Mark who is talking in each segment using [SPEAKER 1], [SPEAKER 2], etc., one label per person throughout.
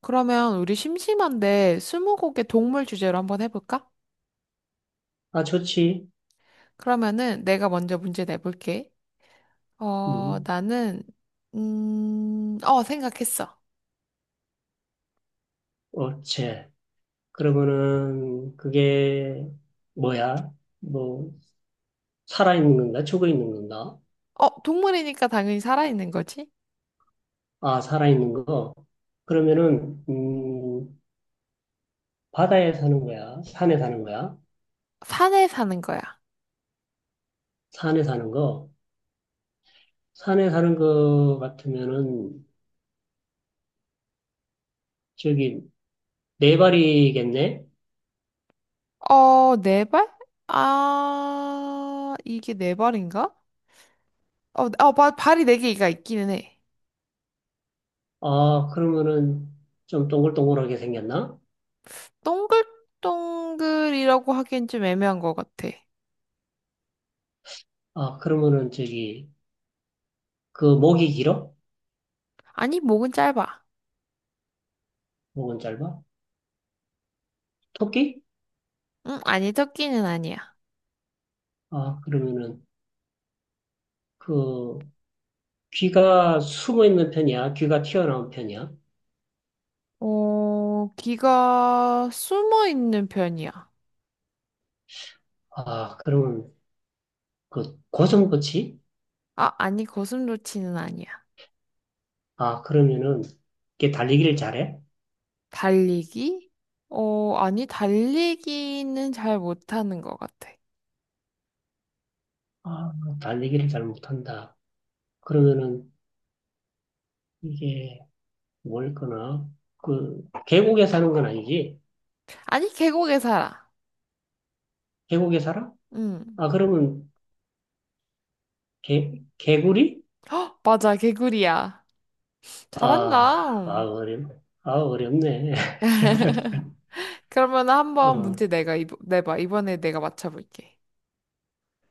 [SPEAKER 1] 그러면 우리 심심한데 스무고개 동물 주제로 한번 해볼까?
[SPEAKER 2] 아, 좋지.
[SPEAKER 1] 그러면은 내가 먼저 문제 내볼게. 어,
[SPEAKER 2] 음,
[SPEAKER 1] 나는, 생각했어.
[SPEAKER 2] 어체. 그러면은, 그게, 뭐야? 뭐, 살아있는 건가? 죽어있는 건가?
[SPEAKER 1] 어, 동물이니까 당연히 살아있는 거지?
[SPEAKER 2] 아, 살아있는 거. 그러면은, 바다에 사는 거야? 산에 사는 거야?
[SPEAKER 1] 산에 사는 거야.
[SPEAKER 2] 산에 사는 거. 산에 사는 거 같으면은, 저기, 네 발이겠네?
[SPEAKER 1] 어, 네 발? 아, 이게 네 발인가? 발이 네 개가 있기는 해.
[SPEAKER 2] 아, 그러면은, 좀 동글동글하게 생겼나?
[SPEAKER 1] 동글동글이라고 하기엔 좀 애매한 것 같아.
[SPEAKER 2] 아, 그러면은, 저기, 그 목이 길어?
[SPEAKER 1] 아니, 목은 짧아.
[SPEAKER 2] 목은 짧아? 토끼?
[SPEAKER 1] 응, 아니, 토끼는 아니야.
[SPEAKER 2] 아, 그러면은, 그 귀가 숨어 있는 편이야? 귀가 튀어나온 편이야?
[SPEAKER 1] 어, 귀가 숨어 있는 편이야.
[SPEAKER 2] 아, 그러면 그 고정고치.
[SPEAKER 1] 아, 아니, 고슴도치는 아니야.
[SPEAKER 2] 아, 그러면은 이게 달리기를 잘해?
[SPEAKER 1] 달리기? 어, 아니, 달리기는 잘 못하는 것 같아.
[SPEAKER 2] 아, 달리기를 잘 못한다. 그러면은 이게 뭘거나 그 계곡에 사는 건 아니지?
[SPEAKER 1] 아니, 계곡에 살아.
[SPEAKER 2] 계곡에 살아?
[SPEAKER 1] 응.
[SPEAKER 2] 아, 그러면 개 개구리?
[SPEAKER 1] 맞아, 개구리야.
[SPEAKER 2] 아, 아
[SPEAKER 1] 잘한다.
[SPEAKER 2] 어렵 아 어렵네.
[SPEAKER 1] 그러면 한번
[SPEAKER 2] 어,
[SPEAKER 1] 문제 내가 이번, 내봐. 이번에 내가 맞춰볼게.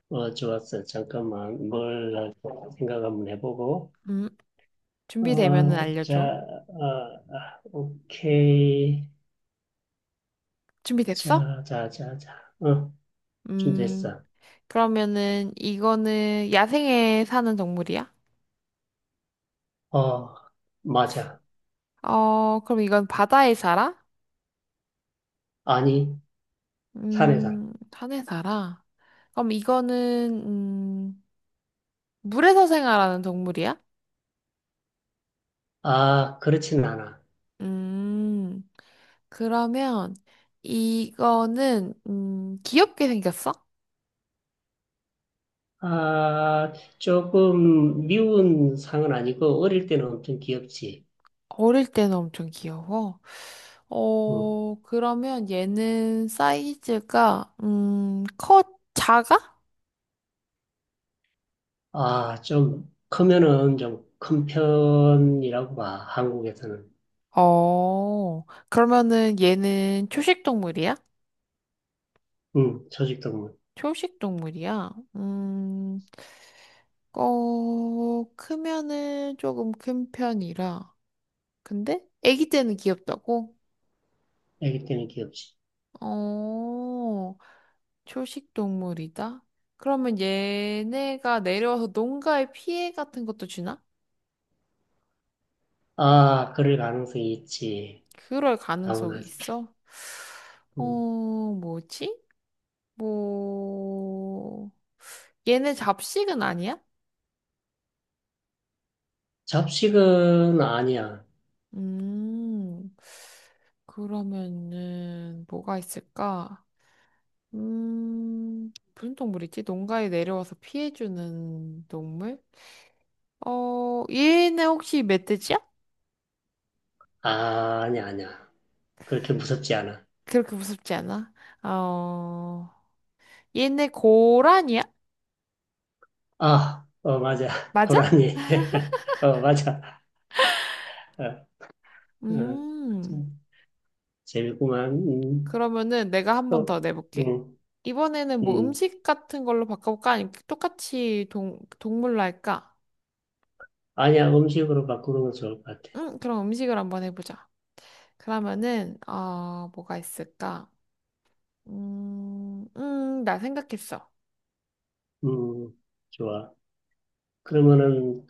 [SPEAKER 2] 어 좋았어. 잠깐만 뭘 할까 생각 한번 해보고.
[SPEAKER 1] 음, 준비되면은
[SPEAKER 2] 어, 자,
[SPEAKER 1] 알려줘.
[SPEAKER 2] 어, 아, 오케이.
[SPEAKER 1] 준비됐어?
[SPEAKER 2] 자, 자, 자, 자. 어,
[SPEAKER 1] 음,
[SPEAKER 2] 준비됐어.
[SPEAKER 1] 그러면은 이거는 야생에 사는 동물이야?
[SPEAKER 2] 어, 맞아.
[SPEAKER 1] 어, 그럼 이건 바다에 살아?
[SPEAKER 2] 아니, 산에 살아.
[SPEAKER 1] 산에 살아? 그럼 이거는, 물에서 생활하는 동물이야?
[SPEAKER 2] 아, 그렇진 않아.
[SPEAKER 1] 음, 그러면 이거는, 귀엽게 생겼어?
[SPEAKER 2] 아, 조금 미운 상은 아니고, 어릴 때는 엄청 귀엽지.
[SPEAKER 1] 어릴 때는 엄청 귀여워.
[SPEAKER 2] 어,
[SPEAKER 1] 어, 그러면 얘는 사이즈가, 커, 작아?
[SPEAKER 2] 아, 좀 크면은 좀 큰 편이라고 봐, 한국에서는.
[SPEAKER 1] 어, 그러면은 얘는 초식 동물이야?
[SPEAKER 2] 응, 조직동물.
[SPEAKER 1] 초식 동물이야? 음, 어, 크면은 조금 큰 편이라. 근데 아기 때는 귀엽다고?
[SPEAKER 2] 애기 때는 귀엽지.
[SPEAKER 1] 어, 초식 동물이다? 그러면 얘네가 내려와서 농가에 피해 같은 것도 주나?
[SPEAKER 2] 아, 그럴 가능성이 있지.
[SPEAKER 1] 그럴 가능성이
[SPEAKER 2] 다문화지.
[SPEAKER 1] 있어? 어,
[SPEAKER 2] 응.
[SPEAKER 1] 뭐지? 뭐, 얘네 잡식은 아니야?
[SPEAKER 2] 잡식은 아니야.
[SPEAKER 1] 음, 그러면은 뭐가 있을까? 무슨 동물 있지? 농가에 내려와서 피해주는 동물? 어, 얘네 혹시 멧돼지야?
[SPEAKER 2] 아, 아니야, 아니야. 그렇게 무섭지 않아.
[SPEAKER 1] 그렇게 무섭지 않아? 어, 얘네 고라니야?
[SPEAKER 2] 아, 어, 맞아.
[SPEAKER 1] 맞아?
[SPEAKER 2] 고라니. 어, 맞아. 어, 어.
[SPEAKER 1] 음,
[SPEAKER 2] 참, 재밌구만.
[SPEAKER 1] 그러면은 내가 한 번 더
[SPEAKER 2] 또,
[SPEAKER 1] 내볼게.
[SPEAKER 2] 음,
[SPEAKER 1] 이번에는 뭐
[SPEAKER 2] 음.
[SPEAKER 1] 음식 같은 걸로 바꿔볼까? 아니면 똑같이 동, 동물로 할까?
[SPEAKER 2] 아니야, 음식으로 바꾸는 건 좋을 것 같아.
[SPEAKER 1] 응, 그럼 음식을 한번 해보자. 그러면은, 어, 뭐가 있을까? 나 생각했어.
[SPEAKER 2] 음, 좋아. 그러면은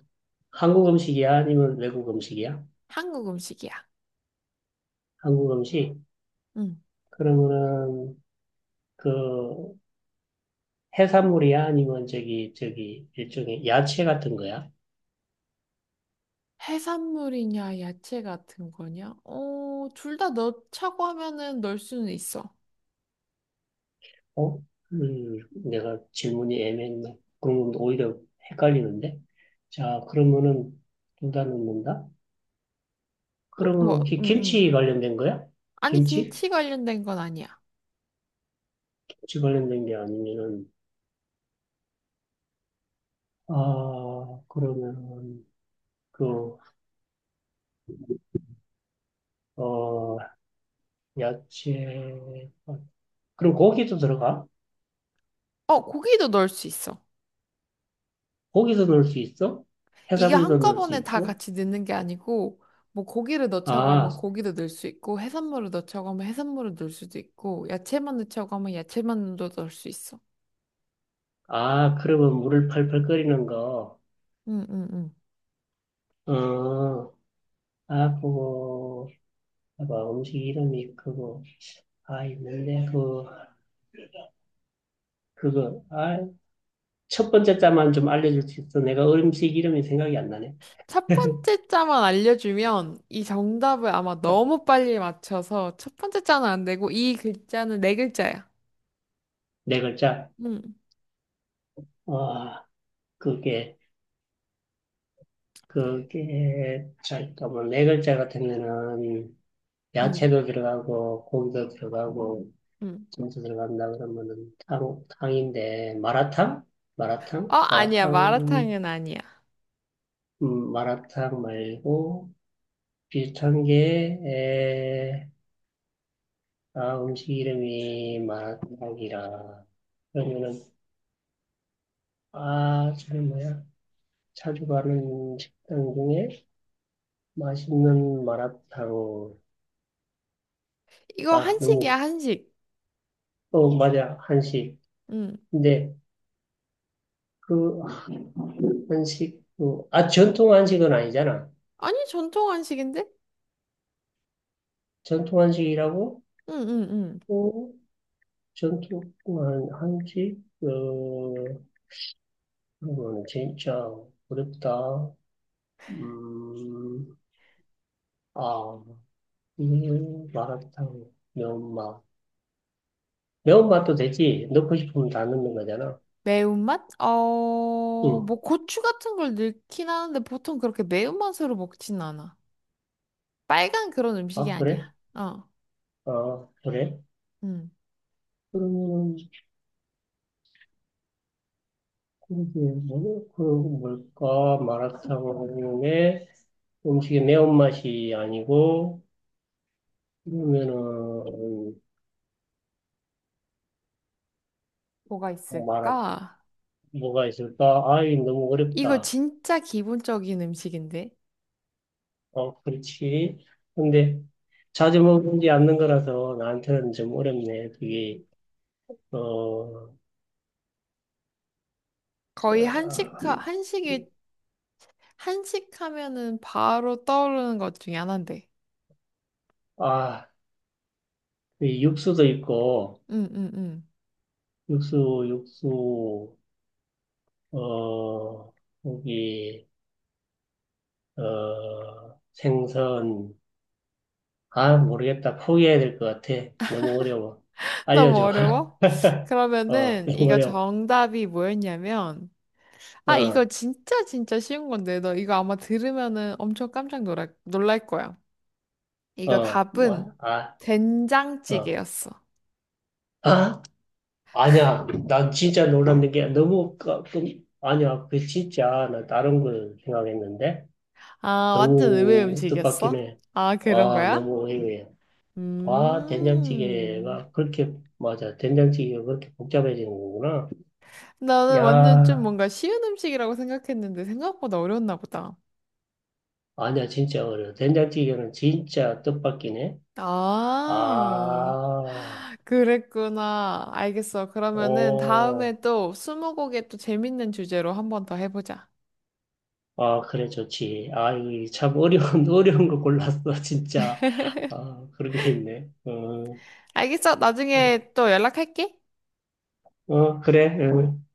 [SPEAKER 2] 한국 음식이야? 아니면 외국 음식이야?
[SPEAKER 1] 한국 음식이야.
[SPEAKER 2] 한국 음식?
[SPEAKER 1] 응.
[SPEAKER 2] 그러면은 그 해산물이야? 아니면 저기, 저기, 일종의 야채 같은 거야?
[SPEAKER 1] 해산물이냐, 야채 같은 거냐? 어, 둘 다 넣자고 하면은 넣을 수는 있어.
[SPEAKER 2] 어? 음, 내가 질문이 애매했네. 그러면 오히려 헷갈리는데? 자, 그러면은 둘 다 넣는다?
[SPEAKER 1] 응?
[SPEAKER 2] 그러면
[SPEAKER 1] 뭐,
[SPEAKER 2] 혹시
[SPEAKER 1] 응, 응.
[SPEAKER 2] 김치 관련된 거야?
[SPEAKER 1] 아니,
[SPEAKER 2] 김치?
[SPEAKER 1] 김치 관련된 건 아니야.
[SPEAKER 2] 김치 관련된 게 아니면은, 아, 그러면, 그, 어, 야채, 어, 그럼 고기도 들어가?
[SPEAKER 1] 어, 고기도 넣을 수 있어.
[SPEAKER 2] 고기도 넣을 수 있어?
[SPEAKER 1] 이게
[SPEAKER 2] 해산물도 넣을 수
[SPEAKER 1] 한꺼번에 다
[SPEAKER 2] 있고?
[SPEAKER 1] 같이 넣는 게 아니고, 뭐, 고기를 넣자고
[SPEAKER 2] 아,
[SPEAKER 1] 하면 고기도 넣을 수 있고, 해산물을 넣자고 하면 해산물을 넣을 수도 있고, 야채만 넣자고 하면 야채만 넣을 수 있어.
[SPEAKER 2] 아, 그러면 물을 팔팔 끓이는 거,
[SPEAKER 1] 응, 응, 응.
[SPEAKER 2] 어, 아, 그거, 뭐 음식 이름이 그거 아 있는데 그 그거 아 첫 번째 자만 좀 알려줄 수 있어? 내가 음식 이름이 생각이 안 나네.
[SPEAKER 1] 첫 번째 자만 알려주면 이 정답을 아마 너무 빨리 맞춰서 첫 번째 자는 안 되고 이 글자는 네 글자야.
[SPEAKER 2] 네 글자.
[SPEAKER 1] 응,
[SPEAKER 2] 아, 그게, 잠깐만 네 글자 같으면은
[SPEAKER 1] 응,
[SPEAKER 2] 야채도 들어가고 고기도 들어가고
[SPEAKER 1] 응.
[SPEAKER 2] 김도 들어간다 그러면은 탕 탕인데 마라탕, 마라탕,
[SPEAKER 1] 어, 아니야.
[SPEAKER 2] 마라탕.
[SPEAKER 1] 마라탕은 아니야.
[SPEAKER 2] 마라탕 말고 비슷한 게, 아, 음식 이름이 마라탕이라. 그러면은, 아, 저는 뭐야? 자주 가는 식당 중에 맛있는 마라탕.
[SPEAKER 1] 이거
[SPEAKER 2] 아,
[SPEAKER 1] 한식이야,
[SPEAKER 2] 너무,
[SPEAKER 1] 한식.
[SPEAKER 2] 어, 맞아. 한식.
[SPEAKER 1] 응.
[SPEAKER 2] 근데 그 한식, 그, 아, 전통 한식은 아니잖아.
[SPEAKER 1] 아니, 전통 한식인데?
[SPEAKER 2] 전통 한식이라고?
[SPEAKER 1] 응, 응, 응.
[SPEAKER 2] 어, 전통 한식? 어, 그거는 진짜 어렵다. 음, 아, 마라탕, 면마. 매운맛도 되지. 넣고 싶으면 다 넣는 거잖아.
[SPEAKER 1] 매운맛? 어,
[SPEAKER 2] 응.
[SPEAKER 1] 뭐 고추 같은 걸 넣긴 하는데 보통 그렇게 매운맛으로 먹진 않아. 빨간 그런 음식이
[SPEAKER 2] 아,
[SPEAKER 1] 아니야.
[SPEAKER 2] 그래?
[SPEAKER 1] 어,
[SPEAKER 2] 아, 그래?
[SPEAKER 1] 응.
[SPEAKER 2] 그러면, 그게 뭐, 그, 뭘까? 마라탕에 음식의 매운맛이 아니고, 그러면은,
[SPEAKER 1] 뭐가
[SPEAKER 2] 마라,
[SPEAKER 1] 있을까?
[SPEAKER 2] 뭐가 있을까? 아이, 너무
[SPEAKER 1] 이거
[SPEAKER 2] 어렵다.
[SPEAKER 1] 진짜 기본적인 음식인데?
[SPEAKER 2] 어, 그렇지. 근데, 자주 먹지 않는 거라서 나한테는 좀 어렵네. 그게, 어, 저,
[SPEAKER 1] 거의 한식, 한식이, 한식 하면은 바로 떠오르는 것 중에 하나인데.
[SPEAKER 2] 아, 그 육수도 있고,
[SPEAKER 1] 응, 응, 응.
[SPEAKER 2] 육수, 육수, 어, 고기, 어, 생선. 아, 모르겠다. 포기해야 될 것 같아. 너무 어려워.
[SPEAKER 1] 너무
[SPEAKER 2] 알려줘.
[SPEAKER 1] 어려워?
[SPEAKER 2] 어,
[SPEAKER 1] 그러면은
[SPEAKER 2] 너무
[SPEAKER 1] 이거
[SPEAKER 2] 어려워.
[SPEAKER 1] 정답이 뭐였냐면, 아, 이거
[SPEAKER 2] 어,
[SPEAKER 1] 진짜 진짜 쉬운 건데, 너 이거 아마 들으면은 엄청 깜짝 놀랄, 놀랄 거야. 이거
[SPEAKER 2] 어, 뭐,
[SPEAKER 1] 답은
[SPEAKER 2] 아, 어.
[SPEAKER 1] 된장찌개였어.
[SPEAKER 2] 아? 아니야. 난 진짜 놀랐는 게 너무, 아니야. 그 진짜, 나 다른 걸 생각했는데.
[SPEAKER 1] 아, 완전 의외
[SPEAKER 2] 너무
[SPEAKER 1] 음식이었어?
[SPEAKER 2] 뜻밖이네.
[SPEAKER 1] 아, 그런
[SPEAKER 2] 아,
[SPEAKER 1] 거야?
[SPEAKER 2] 너무 의외야. 와,
[SPEAKER 1] 음.
[SPEAKER 2] 된장찌개가 그렇게, 맞아. 된장찌개가 그렇게 복잡해지는 거구나.
[SPEAKER 1] 나는 완전 좀
[SPEAKER 2] 야,
[SPEAKER 1] 뭔가 쉬운 음식이라고 생각했는데 생각보다 어려웠나 보다.
[SPEAKER 2] 아니야, 진짜 어려워. 된장찌개는 진짜 뜻밖이네.
[SPEAKER 1] 아,
[SPEAKER 2] 아,
[SPEAKER 1] 그랬구나. 알겠어. 그러면은
[SPEAKER 2] 오,
[SPEAKER 1] 다음에 또 스무고개 또 재밌는 주제로 한번 더 해보자.
[SPEAKER 2] 아, 그래, 좋지. 아, 이거 참 어려운, 어려운 거 골랐어, 진짜. 아, 그런 게 있네. 어,
[SPEAKER 1] 알겠어.
[SPEAKER 2] 예.
[SPEAKER 1] 나중에 또 연락할게.
[SPEAKER 2] 어, 그래. 어.